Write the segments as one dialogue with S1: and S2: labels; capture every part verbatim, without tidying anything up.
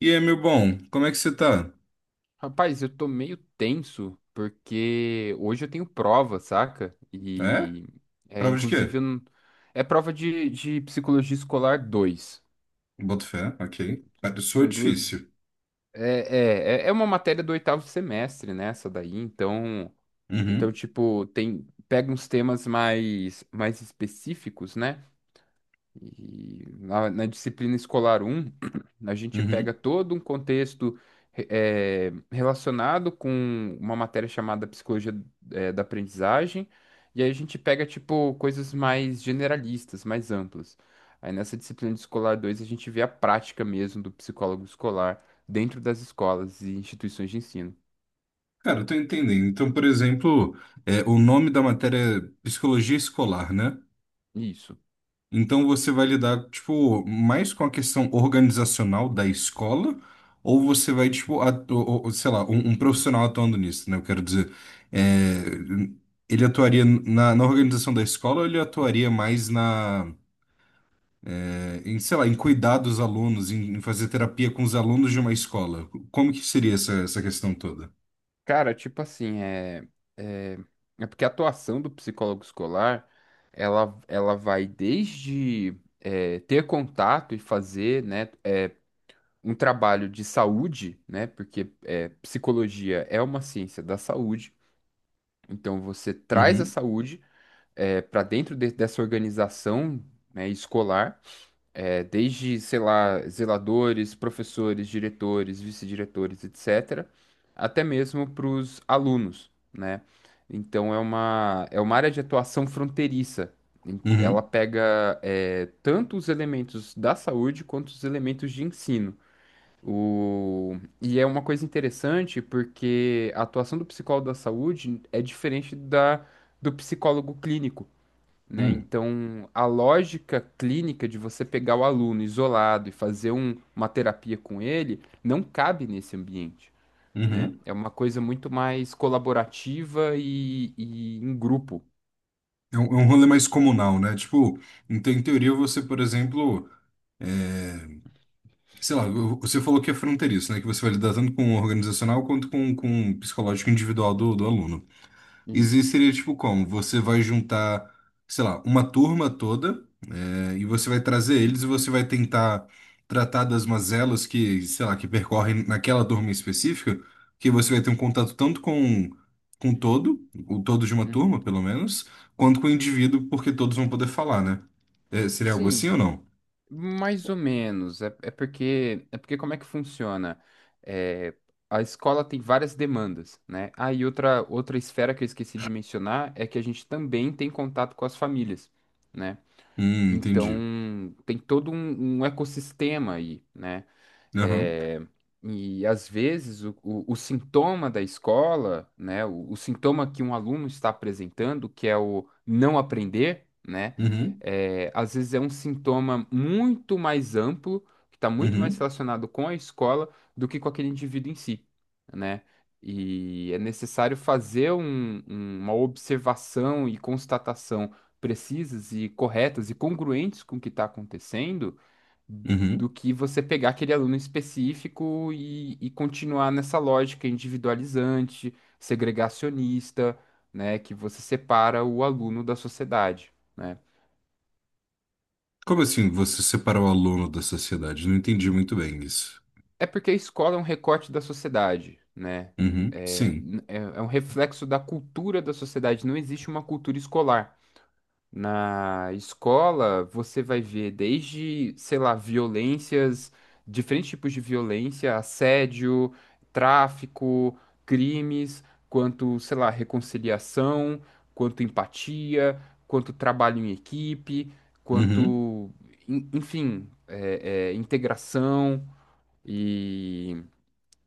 S1: E aí, meu bom, como é que você tá?
S2: Rapaz, eu tô meio tenso porque hoje eu tenho prova, saca?
S1: É?
S2: E é
S1: Prova de
S2: inclusive
S1: quê?
S2: eu não- É prova de, de psicologia escolar dois.
S1: Boto fé, ok. Cara, soa
S2: São duas.
S1: difícil.
S2: É, é, é é uma matéria do oitavo semestre, né? Essa daí, então. Então,
S1: Uhum,
S2: tipo, tem, pega uns temas mais, mais específicos, né? E na, na disciplina escolar um a gente pega
S1: uhum.
S2: todo um contexto re- eh, relacionado com uma matéria chamada psicologia, eh, da aprendizagem, e aí a gente pega, tipo, coisas mais generalistas, mais amplas. Aí nessa disciplina de escolar dois a gente vê a prática mesmo do psicólogo escolar dentro das escolas e instituições de ensino.
S1: Cara, eu tô entendendo. Então, por exemplo, é, o nome da matéria é psicologia escolar, né?
S2: Isso.
S1: Então você vai lidar, tipo, mais com a questão organizacional da escola, ou você vai, tipo, atu- ou- ou, sei lá, um, um profissional atuando nisso, né? Eu quero dizer, é, ele atuaria na, na organização da escola ou ele atuaria mais na é, em, sei lá, em cuidar dos alunos, em, em fazer terapia com os alunos de uma escola? Como que seria essa, essa questão toda?
S2: Cara, tipo assim, é, é, é porque a atuação do psicólogo escolar, ela, ela vai desde é, ter contato e fazer, né, é, um trabalho de saúde, né, porque é, psicologia é uma ciência da saúde, então você traz a
S1: Uhum,
S2: saúde é, para dentro de- dessa organização, né, escolar, é, desde, sei lá, zeladores, professores, diretores, vice-diretores, et cetera, até mesmo para os alunos, né? Então é uma, é uma área de atuação fronteiriça. Em- Ela
S1: uhum,
S2: pega é, tanto os elementos da saúde quanto os elementos de ensino. O... E é uma coisa interessante porque a atuação do psicólogo da saúde é diferente da do psicólogo clínico, né?
S1: uhum,
S2: Então, a lógica clínica de você pegar o aluno isolado e fazer um- uma terapia com ele não cabe nesse ambiente, né?
S1: uhum.
S2: É uma coisa muito mais colaborativa e, e em grupo.
S1: É um, é um rolê mais comunal, né? Tipo, então, em teoria, você, por exemplo, é, sei lá, você falou que é fronteiriço, né? Que você vai lidar tanto com o organizacional quanto com, com o psicológico individual do, do aluno.
S2: Isso.
S1: Existiria, tipo, como? Você vai juntar, sei lá, uma turma toda. É, E você vai trazer eles e você vai tentar tratar das mazelas que, sei lá, que percorrem naquela turma específica, que você vai ter um contato tanto com com todo, o todo de uma turma,
S2: Uhum.
S1: pelo menos, quanto com o indivíduo, porque todos vão poder falar, né? É, seria algo assim ou
S2: Sim,
S1: não?
S2: mais ou menos. É, é porque é porque como é que funciona? É, a escola tem várias demandas, né? Ah, e outra outra esfera que eu esqueci de mencionar é que a gente também tem contato com as famílias, né?
S1: Hum,
S2: Então,
S1: entendi.
S2: tem todo um, um ecossistema aí, né?
S1: Aham.
S2: É, e às vezes o, o, o sintoma da escola, né, o, o sintoma que um aluno está apresentando, que é o não aprender, né,
S1: Uhum.
S2: é, às vezes é um sintoma muito mais amplo, que está muito mais
S1: Uhum.
S2: relacionado com a escola do que com aquele indivíduo em si, né? E é necessário fazer um- um, uma observação e constatação precisas e corretas e congruentes com o que está acontecendo, do
S1: Uhum.
S2: que você pegar aquele aluno específico e, e continuar nessa lógica individualizante, segregacionista, né, que você separa o aluno da sociedade, né?
S1: Como assim você separa o aluno da sociedade? Não entendi muito bem isso.
S2: É porque a escola é um recorte da sociedade, né?
S1: Uhum.
S2: É,
S1: Sim.
S2: é é um reflexo da cultura da sociedade, não existe uma cultura escolar. Na escola, você vai ver desde, sei lá, violências, diferentes tipos de violência, assédio, tráfico, crimes, quanto, sei lá, reconciliação, quanto empatia, quanto trabalho em equipe,
S1: Uhum.
S2: quanto, en- enfim, é, é, integração. E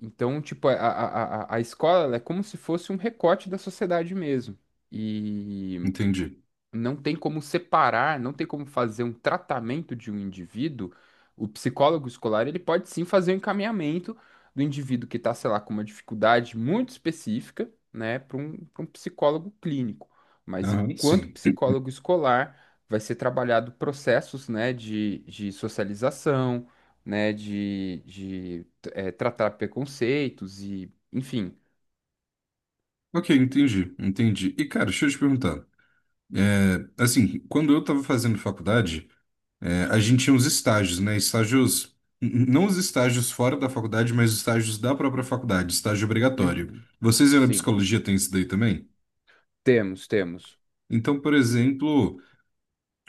S2: então, tipo, a, a, a, a a escola ela é como se fosse um recorte da sociedade mesmo. E
S1: Entendi.
S2: não tem como separar, não tem como fazer um tratamento de um indivíduo. O psicólogo escolar ele pode sim fazer o encaminhamento do indivíduo que está, sei lá, com uma dificuldade muito específica, né, para um, para um psicólogo clínico. Mas
S1: Aham.
S2: enquanto
S1: Sim.
S2: psicólogo escolar, vai ser trabalhado processos, né, de, de socialização, né, de, de eh, tratar preconceitos e, enfim,
S1: Ok, entendi. Entendi. E, cara, deixa eu te perguntar. Assim, quando eu estava fazendo faculdade, eh, a gente tinha uns estágios, né? Estágios, n- não os estágios fora da faculdade, mas os estágios da própria faculdade, estágio obrigatório.
S2: uhum.
S1: Vocês aí na
S2: Sim.
S1: psicologia têm isso daí também?
S2: Temos, temos.
S1: Então, por exemplo,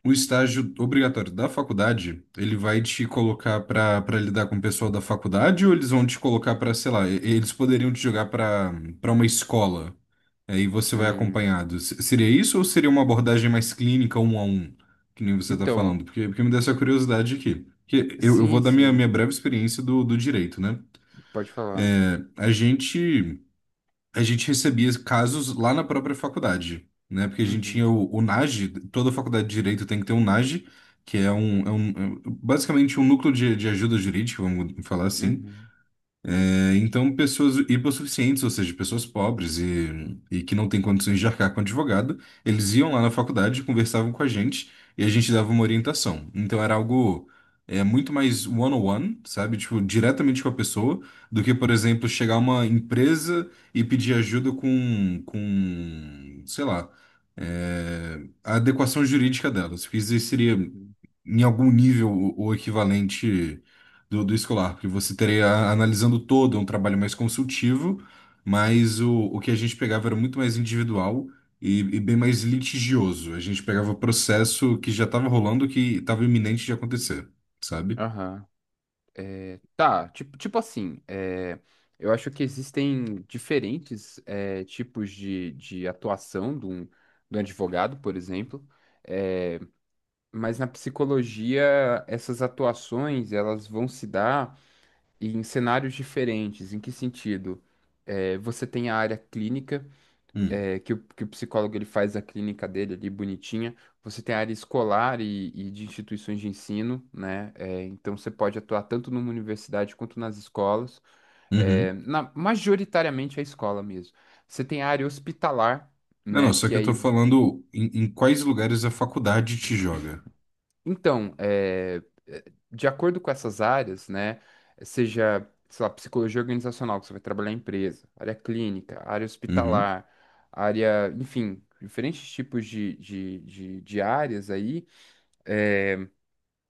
S1: o estágio obrigatório da faculdade, ele vai te colocar para para lidar com o pessoal da faculdade ou eles vão te colocar para, sei lá, e- eles poderiam te jogar para para uma escola? Aí você vai
S2: Hum.
S1: acompanhado. Se- Seria isso ou seria uma abordagem mais clínica, um a um, que nem você está
S2: Então,
S1: falando? Porque, porque me deu essa curiosidade aqui. Que eu, eu vou
S2: sim,
S1: dar minha, minha
S2: sim,
S1: breve experiência do, do direito, né?
S2: pode falar.
S1: É, A gente, a gente recebia casos lá na própria faculdade, né? Porque a gente
S2: Uhum,
S1: tinha o, o NAGE, toda faculdade de direito tem que ter um NAGE, que é um,
S2: uhum,
S1: é um- é basicamente um núcleo de, de ajuda jurídica, vamos falar assim,
S2: uhum,
S1: é, então, pessoas hipossuficientes, ou seja, pessoas pobres e, e que não têm condições de arcar com advogado, eles iam lá na faculdade, conversavam com a gente e a gente dava uma orientação. Então, era algo é, muito mais one-on-one, sabe? Tipo, diretamente com a pessoa, do que, por exemplo, chegar a uma empresa e pedir ajuda com, com, sei lá, é, a adequação jurídica delas, que isso seria
S2: uhum.
S1: em algum nível o o equivalente do, do escolar, porque você estaria analisando todo, é um trabalho mais consultivo, mas o, o que a gente pegava era muito mais individual e, e bem mais litigioso. A gente pegava processo que já estava rolando, que estava iminente de acontecer, sabe?
S2: Aham. É, tá, tipo, tipo assim, é, eu acho que existem diferentes é, tipos de, de atuação de um, de um advogado, por exemplo, é, mas na psicologia essas atuações elas vão se dar em cenários diferentes. Em que sentido? É, você tem a área clínica,
S1: Hum.
S2: é, que o, que o psicólogo ele faz a clínica dele ali bonitinha. Você tem a área escolar e, e de instituições de ensino, né? É, então você pode atuar tanto numa universidade quanto nas escolas, é,
S1: Uhum.
S2: na- majoritariamente é a escola mesmo. Você tem a área hospitalar,
S1: Não, não,
S2: né?
S1: só que
S2: Que
S1: eu tô
S2: aí
S1: falando em, em quais lugares a faculdade te joga.
S2: então, é, é, de acordo com essas áreas, né, seja, sei lá, psicologia organizacional, que você vai trabalhar em empresa, área clínica, área
S1: Uhum,
S2: hospitalar, área, enfim, diferentes tipos de, de, de, de áreas aí, eh,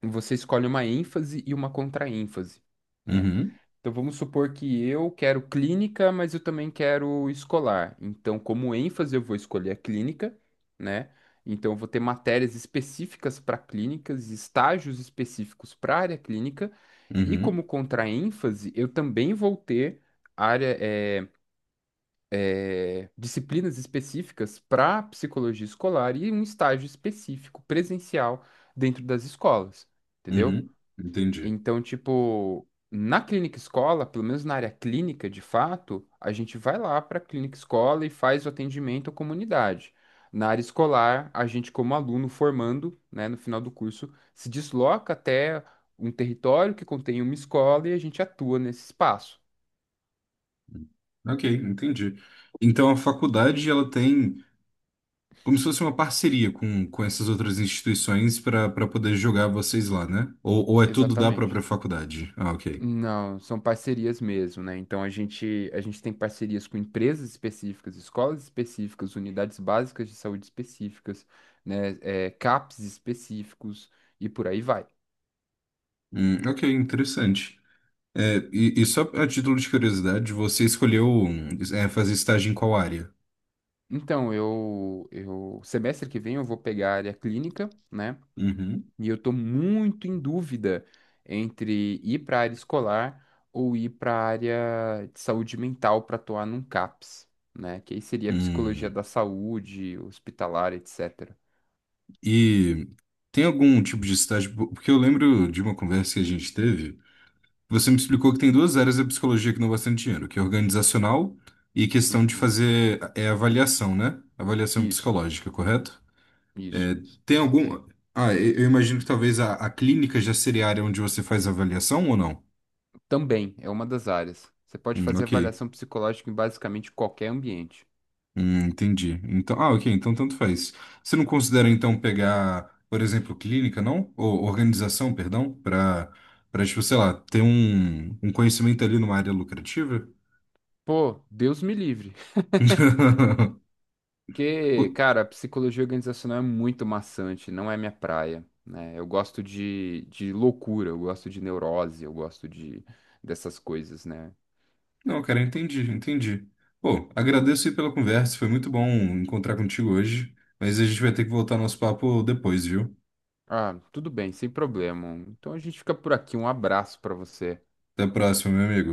S2: você escolhe uma ênfase e uma contraênfase, né?
S1: uhum,
S2: Então vamos supor que eu quero clínica, mas eu também quero escolar. Então, como ênfase, eu vou escolher a clínica, né? Então, eu vou ter matérias específicas para clínicas, estágios específicos para a área clínica, e
S1: uhum,
S2: como contraênfase, eu também vou ter área, eh, eh, disciplinas específicas para psicologia escolar e um estágio específico presencial dentro das escolas, entendeu?
S1: uhum. Entendi.
S2: Então, tipo, na clínica escola, pelo menos na área clínica, de fato, a gente vai lá para a clínica escola e faz o atendimento à comunidade. Na área escolar, a gente, como aluno formando, né, no final do curso, se desloca até um território que contém uma escola e a gente atua nesse espaço.
S1: Ok, entendi. Então a faculdade ela tem como se fosse uma parceria com, com essas outras instituições para para poder jogar vocês lá, né? Ou, ou é tudo da
S2: Exatamente.
S1: própria faculdade? Ah, ok.
S2: Não, são parcerias mesmo, né? Então a gente, a gente tem parcerias com empresas específicas, escolas específicas, unidades básicas de saúde específicas, né? É, CAPs específicos e por aí vai.
S1: Hum, ok, interessante. É, e, e só a título de curiosidade, você escolheu é, fazer estágio em qual área?
S2: Então, eu, eu, semestre que vem eu vou pegar a área clínica, né?
S1: Uhum.
S2: E eu tô muito em dúvida entre ir para a área escolar ou ir para a área de saúde mental para atuar num CAPs, né? Que aí seria psicologia
S1: Hum.
S2: da saúde, hospitalar, et cetera.
S1: E tem algum tipo de estágio? Porque eu lembro de uma conversa que a gente teve, você me explicou que tem duas áreas da psicologia que não bastante dinheiro, que é organizacional e questão de
S2: Uhum.
S1: fazer é, avaliação, né? Avaliação
S2: Isso,
S1: psicológica, correto? É,
S2: isso.
S1: tem algum. Ah, eu eu imagino que talvez a, a clínica já seria a área onde você faz a avaliação ou não?
S2: Também é uma das áreas. Você pode
S1: Hum,
S2: fazer
S1: ok.
S2: avaliação psicológica em basicamente qualquer ambiente.
S1: Hum, entendi. Então, ah, ok, então tanto faz. Você não considera então pegar, por exemplo, clínica, não? Ou organização, perdão, para para tipo, sei lá, ter um, um conhecimento ali numa área lucrativa?
S2: Pô, Deus me livre.
S1: Pô,
S2: Porque, cara, a psicologia organizacional é muito maçante, não é minha praia, né? Eu gosto de, de loucura, eu gosto de neurose, eu gosto de dessas coisas, né?
S1: não, cara, entendi, entendi. Pô, agradeço aí pela conversa, foi muito bom encontrar contigo hoje, mas a gente vai ter que voltar nosso papo depois, viu?
S2: Ah, tudo bem, sem problema. Então a gente fica por aqui. Um abraço pra você.
S1: Até a próxima, meu amigo.